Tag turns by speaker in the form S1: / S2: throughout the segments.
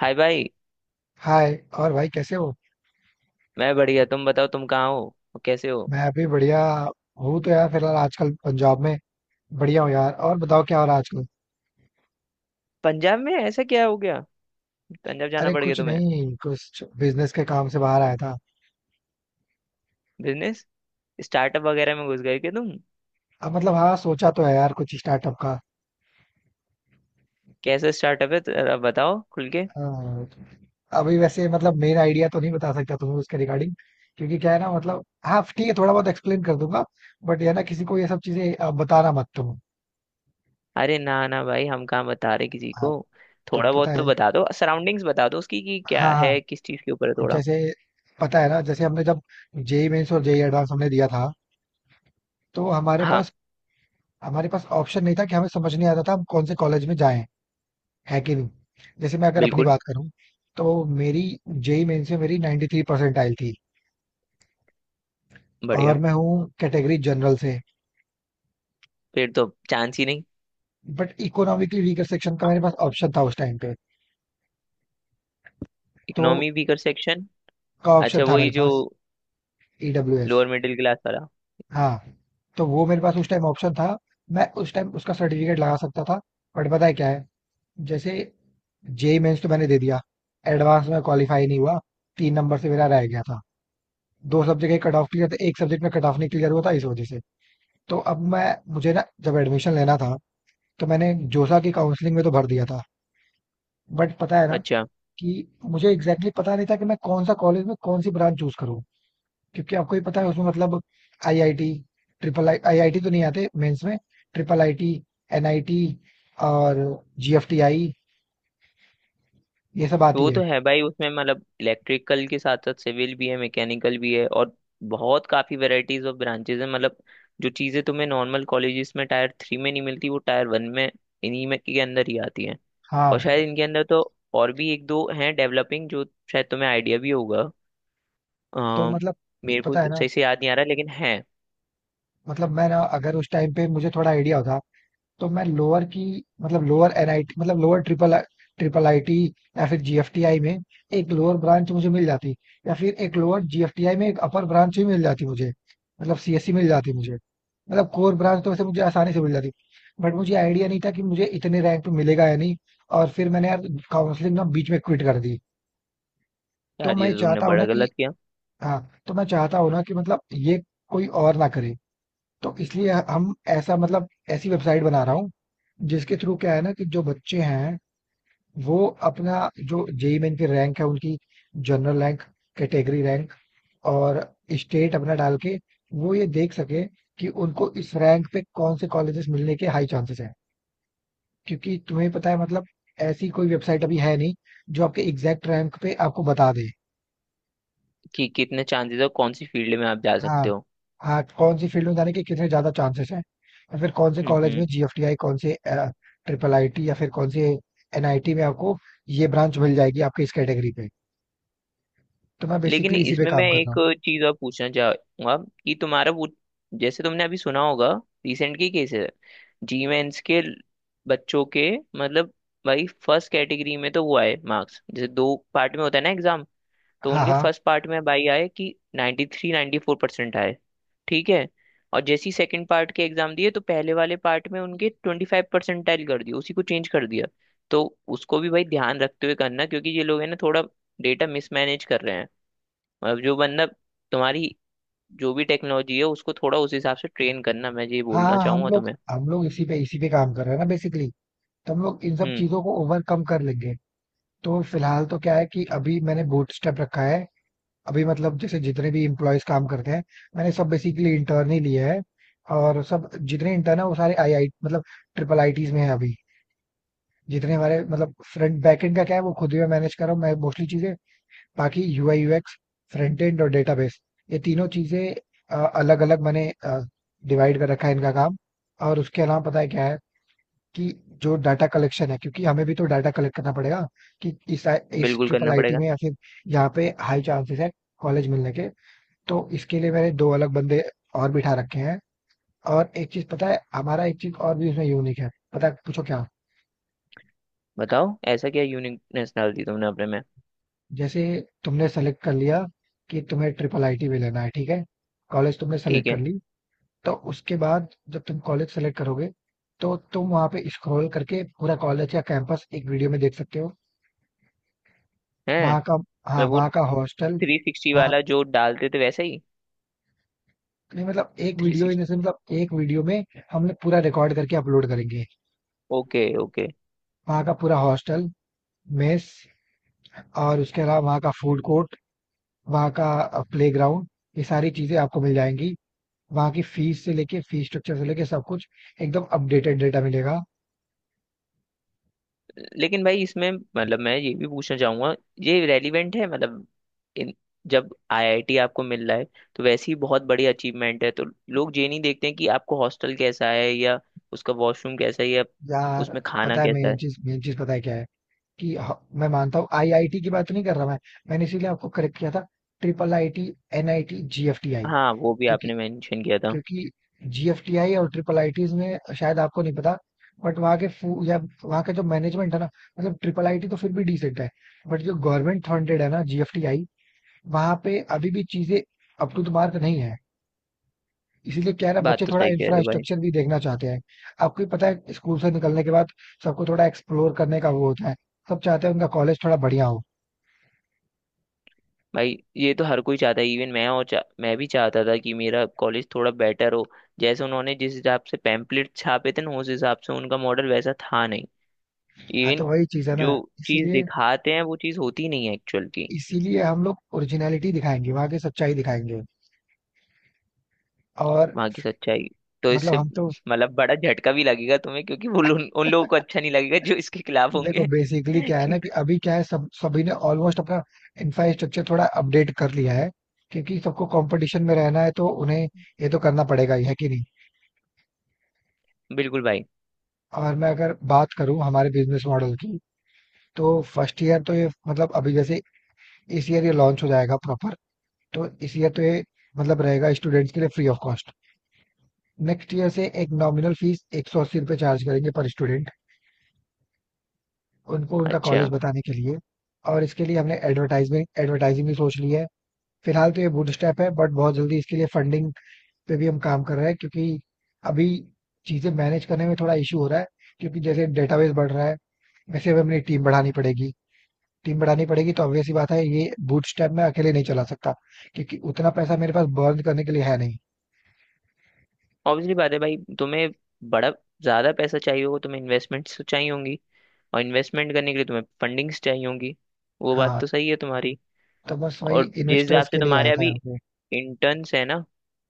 S1: हाय भाई।
S2: हाय। और भाई कैसे हो?
S1: मैं बढ़िया, तुम बताओ तुम कहाँ हो और कैसे हो।
S2: मैं अभी बढ़िया हूँ। तो यार फिलहाल आजकल पंजाब में। बढ़िया हूँ यार। और बताओ क्या हो रहा है आजकल?
S1: पंजाब में ऐसा क्या हो गया? पंजाब जाना
S2: अरे
S1: पड़ गया
S2: कुछ
S1: तुम्हें?
S2: नहीं, कुछ बिजनेस के काम से बाहर आया था।
S1: बिजनेस? स्टार्टअप वगैरह में घुस गए क्या तुम?
S2: अब मतलब हाँ, सोचा तो है यार कुछ स्टार्टअप का।
S1: कैसा स्टार्टअप है जरा बताओ खुल के।
S2: हाँ, अभी वैसे मतलब मेन आइडिया तो नहीं बता सकता तुम्हें उसके रिगार्डिंग। क्योंकि क्या है ना, मतलब हाँ ठीक है, थोड़ा बहुत एक्सप्लेन कर दूंगा। बट ये ना किसी को ये सब चीजें बताना मत तुम।
S1: अरे ना ना भाई, हम कहाँ बता रहे किसी
S2: हाँ।
S1: को।
S2: तो
S1: थोड़ा
S2: पता
S1: बहुत तो
S2: है।
S1: बता दो, सराउंडिंग्स बता दो उसकी कि क्या
S2: हाँ
S1: है,
S2: हाँ।
S1: किस चीज़ के ऊपर है थोड़ा।
S2: जैसे पता है ना, जैसे हमने जब जेई मेंस और जेई एडवांस हमने दिया था, तो हमारे
S1: हाँ।
S2: पास हमारे पास ऑप्शन नहीं था कि हमें समझ नहीं आता था हम कौन से कॉलेज में जाएं, है कि नहीं। जैसे मैं अगर अपनी
S1: बिल्कुल।
S2: बात करूं, तो मेरी जेई मेन से मेरी 93 परसेंटाइल थी। और
S1: बढ़िया।
S2: मैं हूँ कैटेगरी जनरल से।
S1: फिर तो चांस ही नहीं।
S2: बट इकोनॉमिकली वीकर सेक्शन का मेरे पास ऑप्शन था उस टाइम पे। तो
S1: इकोनॉमी वीकर सेक्शन?
S2: का ऑप्शन
S1: अच्छा,
S2: था मेरे
S1: वही जो
S2: पास। E W S.
S1: Lower middle class वाला।
S2: हाँ, तो वो मेरे पास उस टाइम ऑप्शन था। मैं उस टाइम उसका सर्टिफिकेट लगा सकता था। बट पता है क्या है, जैसे जेई मेन्स तो मैंने दे दिया, एडवांस में क्वालिफाई नहीं हुआ। 3 नंबर से मेरा रह गया था। दो सब्जेक्ट एक कट ऑफ क्लियर थे, एक सब्जेक्ट में कट ऑफ नहीं क्लियर हुआ था इस वजह से। तो अब मैं मुझे ना जब एडमिशन लेना था, तो मैंने जोसा की काउंसलिंग में तो भर दिया था। बट पता है ना
S1: अच्छा।
S2: कि मुझे एग्जैक्टली पता नहीं था कि मैं कौन सा कॉलेज में कौन सी ब्रांच चूज करूँ। क्योंकि आपको ही पता है उसमें मतलब आईआईटी, ट्रिपल आई आईआईटी तो नहीं आते मेंस में। ट्रिपल आईटी, एनआईटी और जीएफटीआई, ये सब आती
S1: वो तो
S2: है।
S1: है भाई, उसमें मतलब इलेक्ट्रिकल के साथ साथ सिविल भी है, मैकेनिकल भी है, और बहुत काफी वैरायटीज ऑफ ब्रांचेज है मतलब। जो चीजें तुम्हें नॉर्मल कॉलेजेस में टायर थ्री में नहीं मिलती वो टायर वन में, इन्हीं में के अंदर ही आती है। और
S2: हाँ।
S1: शायद इनके अंदर तो और भी एक दो हैं डेवलपिंग जो शायद तुम्हें आइडिया भी होगा। अ,
S2: तो मतलब
S1: मेरे को
S2: पता है
S1: तो
S2: ना,
S1: सही से याद नहीं आ रहा लेकिन है।
S2: मतलब मैं ना अगर उस टाइम पे मुझे थोड़ा आइडिया होता, तो मैं लोअर की मतलब लोअर एनआईटी मतलब लोअर ट्रिपल ट्रिपल आईटी या फिर जीएफटीआई में एक लोअर ब्रांच मुझे मिल जाती, या फिर एक लोअर जीएफटीआई में एक अपर ब्रांच भी मिल जाती मुझे, मतलब सीएससी मिल जाती मुझे। मतलब कोर ब्रांच तो वैसे मुझे आसानी से मिल जाती, बट मुझे आइडिया नहीं था कि मुझे इतने रैंक पे मिलेगा या नहीं। और फिर मैंने यार काउंसलिंग ना बीच में क्विट कर दी। तो
S1: यार ये
S2: मैं
S1: तो तुमने
S2: चाहता हूँ
S1: बड़ा
S2: ना कि
S1: गलत किया।
S2: हाँ, तो मैं चाहता हूँ ना कि मतलब ये कोई और ना करे। तो इसलिए हम ऐसा मतलब ऐसी वेबसाइट बना रहा हूँ, जिसके थ्रू क्या है ना कि जो बच्चे हैं, वो अपना जो जेई मेन की रैंक है उनकी, जनरल रैंक, कैटेगरी रैंक और स्टेट अपना डाल के, वो ये देख सके कि उनको इस रैंक पे कौन से कॉलेजेस मिलने के हाई चांसेस हैं। क्योंकि तुम्हें पता है मतलब ऐसी कोई वेबसाइट अभी है नहीं जो आपके एग्जैक्ट रैंक पे आपको बता दे।
S1: कि कितने चांसेस और कौन सी फील्ड में आप जा सकते
S2: हाँ।
S1: हो।
S2: हाँ, कौन सी फील्ड में जाने के कितने ज्यादा चांसेस हैं, या फिर कौन से
S1: हम्म
S2: कॉलेज में,
S1: हम्म।
S2: जीएफटीआई कौन से, ट्रिपल आईटी, या फिर कौन से एनआईटी में आपको ये ब्रांच मिल जाएगी आपके इस कैटेगरी पे। तो मैं
S1: लेकिन
S2: बेसिकली इसी पे
S1: इसमें मैं
S2: काम कर रहा
S1: एक
S2: हूँ।
S1: चीज और पूछना चाहूंगा कि तुम्हारा वो, जैसे तुमने अभी सुना होगा, रिसेंट की केस है, जी मेंस के बच्चों के, मतलब भाई फर्स्ट कैटेगरी में तो वो आए मार्क्स, जैसे दो पार्ट में होता है ना एग्जाम, तो
S2: हाँ
S1: उनके
S2: हाँ
S1: फर्स्ट पार्ट में भाई आए कि 93 394% आए। ठीक है। और जैसे ही सेकंड पार्ट के एग्जाम दिए तो पहले वाले पार्ट में उनके 25 परसेंटाइल कर दिया, उसी को चेंज कर दिया। तो उसको भी भाई ध्यान रखते हुए करना, क्योंकि ये लोग है ना थोड़ा डेटा मिसमैनेज कर रहे हैं। मतलब जो बंदा तुम्हारी, जो भी टेक्नोलॉजी है उसको थोड़ा उस हिसाब से ट्रेन करना, मैं ये
S2: हाँ
S1: बोलना
S2: हाँ, हम
S1: चाहूंगा
S2: लोग
S1: तुम्हें।
S2: हम लोग इसी पे काम कर रहे हैं ना बेसिकली। तो हम लोग इन सब
S1: हम्म।
S2: चीजों को ओवरकम कर लेंगे। तो फिलहाल तो क्या है कि अभी मैंने बूटस्ट्रैप रखा है। अभी मतलब जैसे जितने भी इम्प्लॉयज काम करते हैं, मैंने सब बेसिकली इंटर्न ही लिए हैं। और सब जितने इंटर्न है वो सारे आई आई मतलब ट्रिपल आईटीज में है अभी। जितने हमारे मतलब फ्रंट बैक एंड का क्या है, वो खुद ही मैं मैनेज कर रहा हूँ, मैं मोस्टली चीजें। बाकी यूआई यूएक्स, फ्रंट एंड और डेटाबेस, ये तीनों चीजें अलग अलग मैंने डिवाइड कर रखा है इनका काम। और उसके अलावा पता है क्या है, कि जो डाटा कलेक्शन है, क्योंकि हमें भी तो डाटा कलेक्ट करना पड़ेगा कि इस
S1: बिल्कुल
S2: ट्रिपल
S1: करना
S2: आईटी
S1: पड़ेगा।
S2: में या फिर यहाँ पे हाई चांसेस है कॉलेज मिलने के। तो इसके लिए मैंने दो अलग बंदे और बिठा रखे हैं। और एक चीज पता है, हमारा एक चीज और भी उसमें यूनिक है, पता है? पूछो क्या।
S1: बताओ ऐसा क्या यूनिकनेस डाल दी तुमने अपने में?
S2: जैसे तुमने सेलेक्ट कर लिया कि तुम्हें ट्रिपल आईटी में लेना है, ठीक है। कॉलेज तुमने
S1: ठीक
S2: सेलेक्ट कर
S1: है।
S2: ली। तो उसके बाद, जब तुम कॉलेज सेलेक्ट करोगे, तो तुम वहां पे स्क्रॉल करके पूरा कॉलेज का कैंपस एक वीडियो में देख सकते हो।
S1: हैं?
S2: वहां का।
S1: मैं
S2: हाँ,
S1: वो
S2: वहां का हॉस्टल,
S1: 360
S2: वहाँ।
S1: वाला जो डालते थे वैसा ही?
S2: नहीं मतलब एक
S1: थ्री
S2: वीडियो इन
S1: सिक्सटी?
S2: मतलब एक वीडियो में हम लोग पूरा रिकॉर्ड करके अपलोड करेंगे।
S1: Okay okay.
S2: वहाँ का पूरा हॉस्टल, मेस, और उसके अलावा वहाँ का फूड कोर्ट, वहाँ का प्ले ग्राउंड, ये सारी चीजें आपको मिल जाएंगी। वहाँ की फीस से लेके, फीस स्ट्रक्चर से लेके सब कुछ एकदम अपडेटेड डेटा मिलेगा।
S1: लेकिन भाई इसमें मतलब मैं ये भी पूछना चाहूंगा, ये रेलिवेंट है मतलब? इन, जब आईआईटी आपको मिल रहा है तो वैसे ही बहुत बड़ी अचीवमेंट है, तो लोग ये नहीं देखते हैं कि आपको हॉस्टल कैसा है, या उसका वॉशरूम कैसा है, या
S2: यार
S1: उसमें खाना
S2: पता है,
S1: कैसा
S2: मेन
S1: है।
S2: चीज, मेन चीज पता है क्या है, कि मैं मानता हूँ आईआईटी की बात तो नहीं कर रहा मैं। मैंने इसीलिए आपको करेक्ट किया था, ट्रिपल आईटी, एनआईटी, जीएफटीआई।
S1: हाँ, वो भी
S2: क्योंकि
S1: आपने मेंशन किया था।
S2: क्योंकि जीएफटीआई और ट्रिपल आईटीज में शायद आपको नहीं पता, बट वहाँ के फू या वहाँ का जो मैनेजमेंट है ना, मतलब ट्रिपल आईटी तो फिर भी डिसेंट है, बट जो गवर्नमेंट फंडेड है ना जीएफटीआई, वहाँ पे अभी भी चीजें अप टू द मार्क नहीं है। इसीलिए क्या है ना,
S1: बात
S2: बच्चे
S1: तो
S2: थोड़ा
S1: सही कह रहे हो भाई।
S2: इंफ्रास्ट्रक्चर भी देखना चाहते हैं। आपको भी पता है, स्कूल से निकलने के बाद सबको थोड़ा एक्सप्लोर करने का वो होता है। सब चाहते हैं उनका कॉलेज थोड़ा बढ़िया हो।
S1: भाई ये तो हर कोई चाहता है, इवन मैं और मैं भी चाहता था कि मेरा कॉलेज थोड़ा बेटर हो। जैसे उन्होंने जिस हिसाब से पैम्पलेट छापे थे ना, उस हिसाब से उनका मॉडल वैसा था नहीं।
S2: हाँ तो
S1: इवन
S2: वही चीज है ना,
S1: जो चीज
S2: इसीलिए
S1: दिखाते हैं वो चीज होती नहीं है एक्चुअल की।
S2: इसीलिए हम लोग ओरिजिनलिटी दिखाएंगे, वहां की सच्चाई दिखाएंगे। और
S1: वहां की सच्चाई। तो
S2: मतलब
S1: इससे
S2: हम तो
S1: मतलब बड़ा झटका भी लगेगा तुम्हें, क्योंकि वो उन लोगों को अच्छा नहीं लगेगा जो इसके खिलाफ
S2: देखो
S1: होंगे।
S2: बेसिकली क्या है ना, कि अभी क्या है, सब सभी ने ऑलमोस्ट अपना इंफ्रास्ट्रक्चर थोड़ा अपडेट कर लिया है। क्योंकि सबको कंपटीशन में रहना है, तो उन्हें ये तो करना पड़ेगा ही, है कि नहीं।
S1: बिल्कुल भाई।
S2: और मैं अगर बात करूं हमारे बिजनेस मॉडल की, तो फर्स्ट ईयर तो ये, मतलब अभी जैसे इस ईयर ये लॉन्च हो जाएगा प्रॉपर, तो इस ईयर तो ये मतलब रहेगा स्टूडेंट्स के लिए free of cost. Next year से एक नॉमिनल फीस, 180 रुपये चार्ज करेंगे पर स्टूडेंट, उनको उनका कॉलेज
S1: अच्छा।
S2: बताने के लिए। और इसके लिए हमने एडवर्टाइजमेंट एडवर्टाइजिंग भी सोच ली है। फिलहाल तो ये बूट स्टेप है, बट बहुत जल्दी इसके लिए फंडिंग पे भी हम काम कर रहे हैं, क्योंकि अभी चीजें मैनेज करने में थोड़ा इशू हो रहा है, क्योंकि जैसे डेटाबेस बढ़ रहा है, वैसे भी अपनी टीम बढ़ानी पड़ेगी। टीम बढ़ानी पड़ेगी तो ऑब्वियस सी बात है, ये बूटस्ट्रैप मैं अकेले नहीं चला सकता, क्योंकि उतना पैसा मेरे पास बर्न करने के लिए है नहीं।
S1: ऑब्वियसली बात है भाई, तुम्हें बड़ा ज्यादा पैसा चाहिए होगा, तुम्हें इन्वेस्टमेंट्स तो चाहिए होंगी, और इन्वेस्टमेंट करने के लिए तुम्हें फंडिंग्स चाहिए होंगी। वो बात
S2: हाँ,
S1: तो सही है तुम्हारी।
S2: तो बस वही
S1: और जिस हिसाब
S2: इन्वेस्टर्स
S1: से
S2: के लिए
S1: तुम्हारे
S2: आया था
S1: अभी
S2: यहाँ पे।
S1: इंटर्न्स है ना,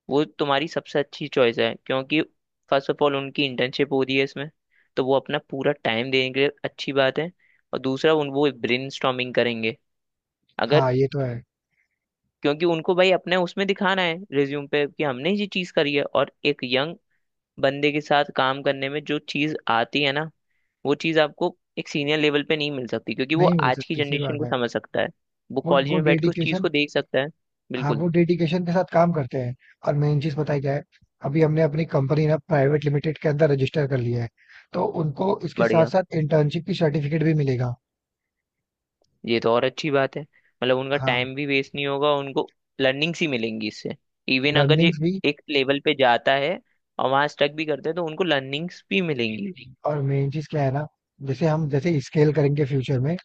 S1: वो तुम्हारी सबसे अच्छी चॉइस है, क्योंकि फर्स्ट ऑफ ऑल उनकी इंटर्नशिप हो रही है इसमें, तो वो अपना पूरा टाइम देंगे, अच्छी बात है। और दूसरा उन, वो ब्रेनस्टॉर्मिंग करेंगे अगर,
S2: हाँ ये तो है।
S1: क्योंकि उनको भाई अपने उसमें दिखाना है रिज्यूम पे कि हमने ये चीज़ करी है। और एक यंग बंदे के साथ काम करने में जो चीज़ आती है ना, वो चीज़ आपको एक सीनियर लेवल पे नहीं मिल सकती, क्योंकि वो
S2: नहीं मिल
S1: आज की
S2: सकती, सही
S1: जनरेशन
S2: बात
S1: को
S2: है।
S1: समझ सकता है, वो
S2: वो
S1: कॉलेज
S2: वो
S1: में बैठ के उस चीज़
S2: डेडिकेशन।
S1: को देख सकता है।
S2: हाँ,
S1: बिल्कुल।
S2: वो डेडिकेशन के साथ काम करते हैं। और मेन चीज पता है क्या है, अभी हमने अपनी कंपनी ना प्राइवेट लिमिटेड के अंदर रजिस्टर कर लिया है। तो उनको इसके साथ
S1: बढ़िया।
S2: साथ इंटर्नशिप की सर्टिफिकेट भी मिलेगा।
S1: ये तो और अच्छी बात है, मतलब उनका
S2: हाँ।
S1: टाइम भी वेस्ट नहीं होगा, उनको लर्निंग्स ही मिलेंगी इससे। इवन अगर ये
S2: लर्निंग्स भी।
S1: एक लेवल पे जाता है और वहां स्टक भी करते हैं तो उनको लर्निंग्स भी मिलेंगी।
S2: और मेन चीज क्या है ना, जैसे स्केल करेंगे फ्यूचर में,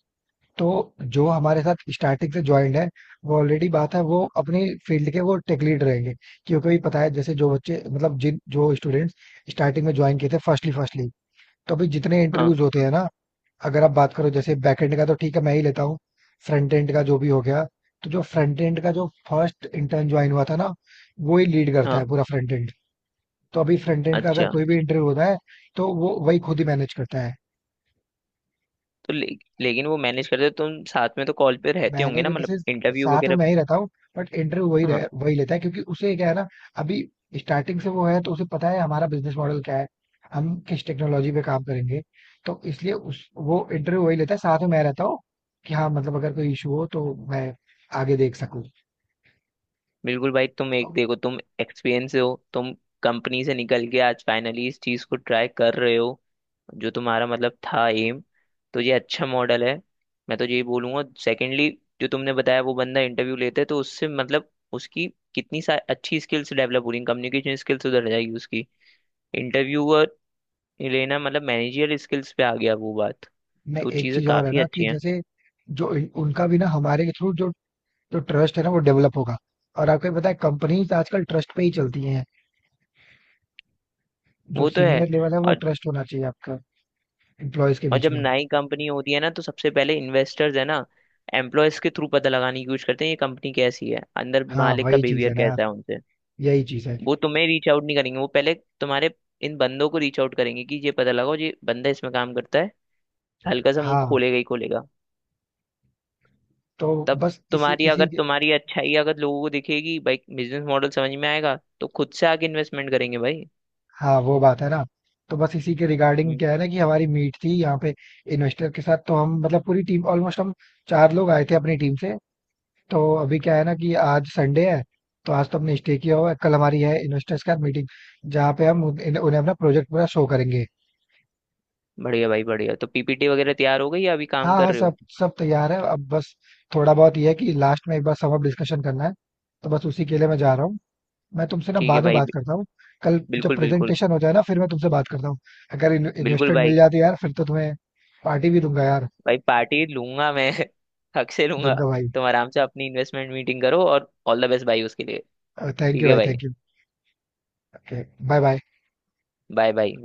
S2: तो जो हमारे साथ स्टार्टिंग से ज्वाइंड है, वो ऑलरेडी बात है, वो अपनी फील्ड के वो टेक लीड रहेंगे। क्योंकि अभी पता है, जैसे जो बच्चे मतलब जिन जो स्टूडेंट्स स्टार्टिंग में ज्वाइन किए थे फर्स्टली फर्स्टली, तो अभी जितने
S1: हाँ
S2: इंटरव्यूज होते हैं ना, अगर आप बात करो जैसे बैकएंड का, तो ठीक है मैं ही लेता हूँ। फ्रंट एंड का जो भी हो गया, तो जो फ्रंट एंड का जो फर्स्ट इंटर्न ज्वाइन हुआ था ना, वो ही लीड करता है
S1: हाँ।
S2: पूरा फ्रंट एंड। तो अभी फ्रंट एंड का अगर
S1: अच्छा।
S2: कोई भी इंटरव्यू होता है, तो वो वही खुद ही मैनेज करता है।
S1: तो लेकिन वो मैनेज करते तुम साथ में तो कॉल पे रहते होंगे
S2: मैनेज
S1: ना,
S2: इन द
S1: मतलब
S2: सेंस,
S1: इंटरव्यू
S2: साथ में
S1: वगैरह।
S2: मैं ही रहता हूँ, बट इंटरव्यू वही
S1: हाँ।
S2: वही लेता है, क्योंकि उसे क्या है ना, अभी स्टार्टिंग से वो है तो उसे पता है हमारा बिजनेस मॉडल क्या है, हम किस टेक्नोलॉजी पे काम करेंगे। तो इसलिए उस वो इंटरव्यू वही लेता है, साथ में मैं रहता हूँ, कि हाँ मतलब अगर कोई इशू हो तो मैं आगे देख सकूँ।
S1: बिल्कुल भाई। तुम
S2: तो
S1: एक देखो, तुम एक्सपीरियंस हो, तुम कंपनी से निकल के आज फाइनली इस चीज को ट्राई कर रहे हो जो तुम्हारा मतलब था एम। तो ये अच्छा मॉडल है, मैं तो यही बोलूंगा। सेकेंडली, जो तुमने बताया वो बंदा इंटरव्यू लेते, तो उससे मतलब उसकी कितनी सा अच्छी स्किल्स डेवलप हो रही, कम्युनिकेशन स्किल्स उधर जाएगी उसकी, इंटरव्यूअर लेना मतलब मैनेजर स्किल्स पे आ गया वो बात।
S2: मैं
S1: तो
S2: एक
S1: चीज़ें
S2: चीज और है
S1: काफ़ी
S2: ना
S1: अच्छी
S2: कि
S1: हैं।
S2: जैसे जो उनका भी ना हमारे के थ्रू जो, जो ट्रस्ट है ना वो डेवलप होगा। और आपको ये पता है कंपनीज आजकल ट्रस्ट पे ही चलती हैं। जो
S1: वो तो है।
S2: सीनियर लेवल है वो
S1: और
S2: ट्रस्ट होना चाहिए आपका, एम्प्लॉयज के
S1: और
S2: बीच
S1: जब
S2: में।
S1: नई कंपनी होती है ना तो सबसे पहले इन्वेस्टर्स है ना, एम्प्लॉयज के थ्रू पता लगाने की कोशिश करते हैं ये कंपनी कैसी है, अंदर
S2: हाँ,
S1: मालिक का
S2: वही चीज़ है
S1: बिहेवियर
S2: ना यार,
S1: कैसा है।
S2: यही चीज़ है।
S1: वो तुम्हें रीच आउट नहीं करेंगे, वो पहले तुम्हारे इन बंदों को रीच आउट करेंगे कि ये पता लगाओ ये बंदा इसमें काम करता है। हल्का सा मुंह
S2: हाँ,
S1: खोलेगा ही खोलेगा।
S2: तो
S1: तब
S2: बस इसी
S1: तुम्हारी
S2: इसी
S1: अगर
S2: के।
S1: तुम्हारी अच्छाई अगर लोगों को दिखेगी, भाई बिजनेस मॉडल समझ में आएगा, तो खुद से आके इन्वेस्टमेंट करेंगे भाई।
S2: हाँ, वो बात है ना। तो बस इसी के रिगार्डिंग
S1: हम्म,
S2: क्या है ना कि हमारी मीट थी यहाँ पे, इन्वेस्टर के साथ। तो हम मतलब पूरी टीम ऑलमोस्ट, हम चार लोग आए थे अपनी टीम से। तो अभी क्या है ना कि आज संडे है, तो आज तो हमने स्टे किया हुआ है। कल हमारी है इन्वेस्टर्स के साथ मीटिंग, जहाँ पे हम उन्हें अपना प्रोजेक्ट पूरा शो करेंगे।
S1: बढ़िया भाई बढ़िया। तो पीपीटी वगैरह तैयार हो गई या अभी काम
S2: हाँ, हाँ,
S1: कर रहे
S2: सब
S1: हो?
S2: सब तैयार है। अब बस थोड़ा बहुत ये है कि लास्ट में एक बार समअप डिस्कशन करना है। तो बस उसी के लिए मैं जा रहा हूँ। मैं तुमसे ना
S1: ठीक है
S2: बाद में
S1: भाई।
S2: बात करता हूँ, कल जब
S1: बिल्कुल बिल्कुल।
S2: प्रेजेंटेशन हो जाए ना फिर मैं तुमसे बात करता हूँ। अगर
S1: बिल्कुल
S2: इन्वेस्टमेंट मिल
S1: भाई।
S2: जाती है यार, फिर तो तुम्हें पार्टी भी दूंगा यार।
S1: भाई पार्टी लूंगा मैं, हक से लूंगा।
S2: दूंगा भाई।
S1: तुम आराम से अपनी इन्वेस्टमेंट मीटिंग करो, और ऑल द बेस्ट भाई उसके लिए।
S2: थैंक
S1: ठीक
S2: यू
S1: है
S2: भाई,
S1: भाई।
S2: Thank you. Okay. Bye bye.
S1: Bye bye.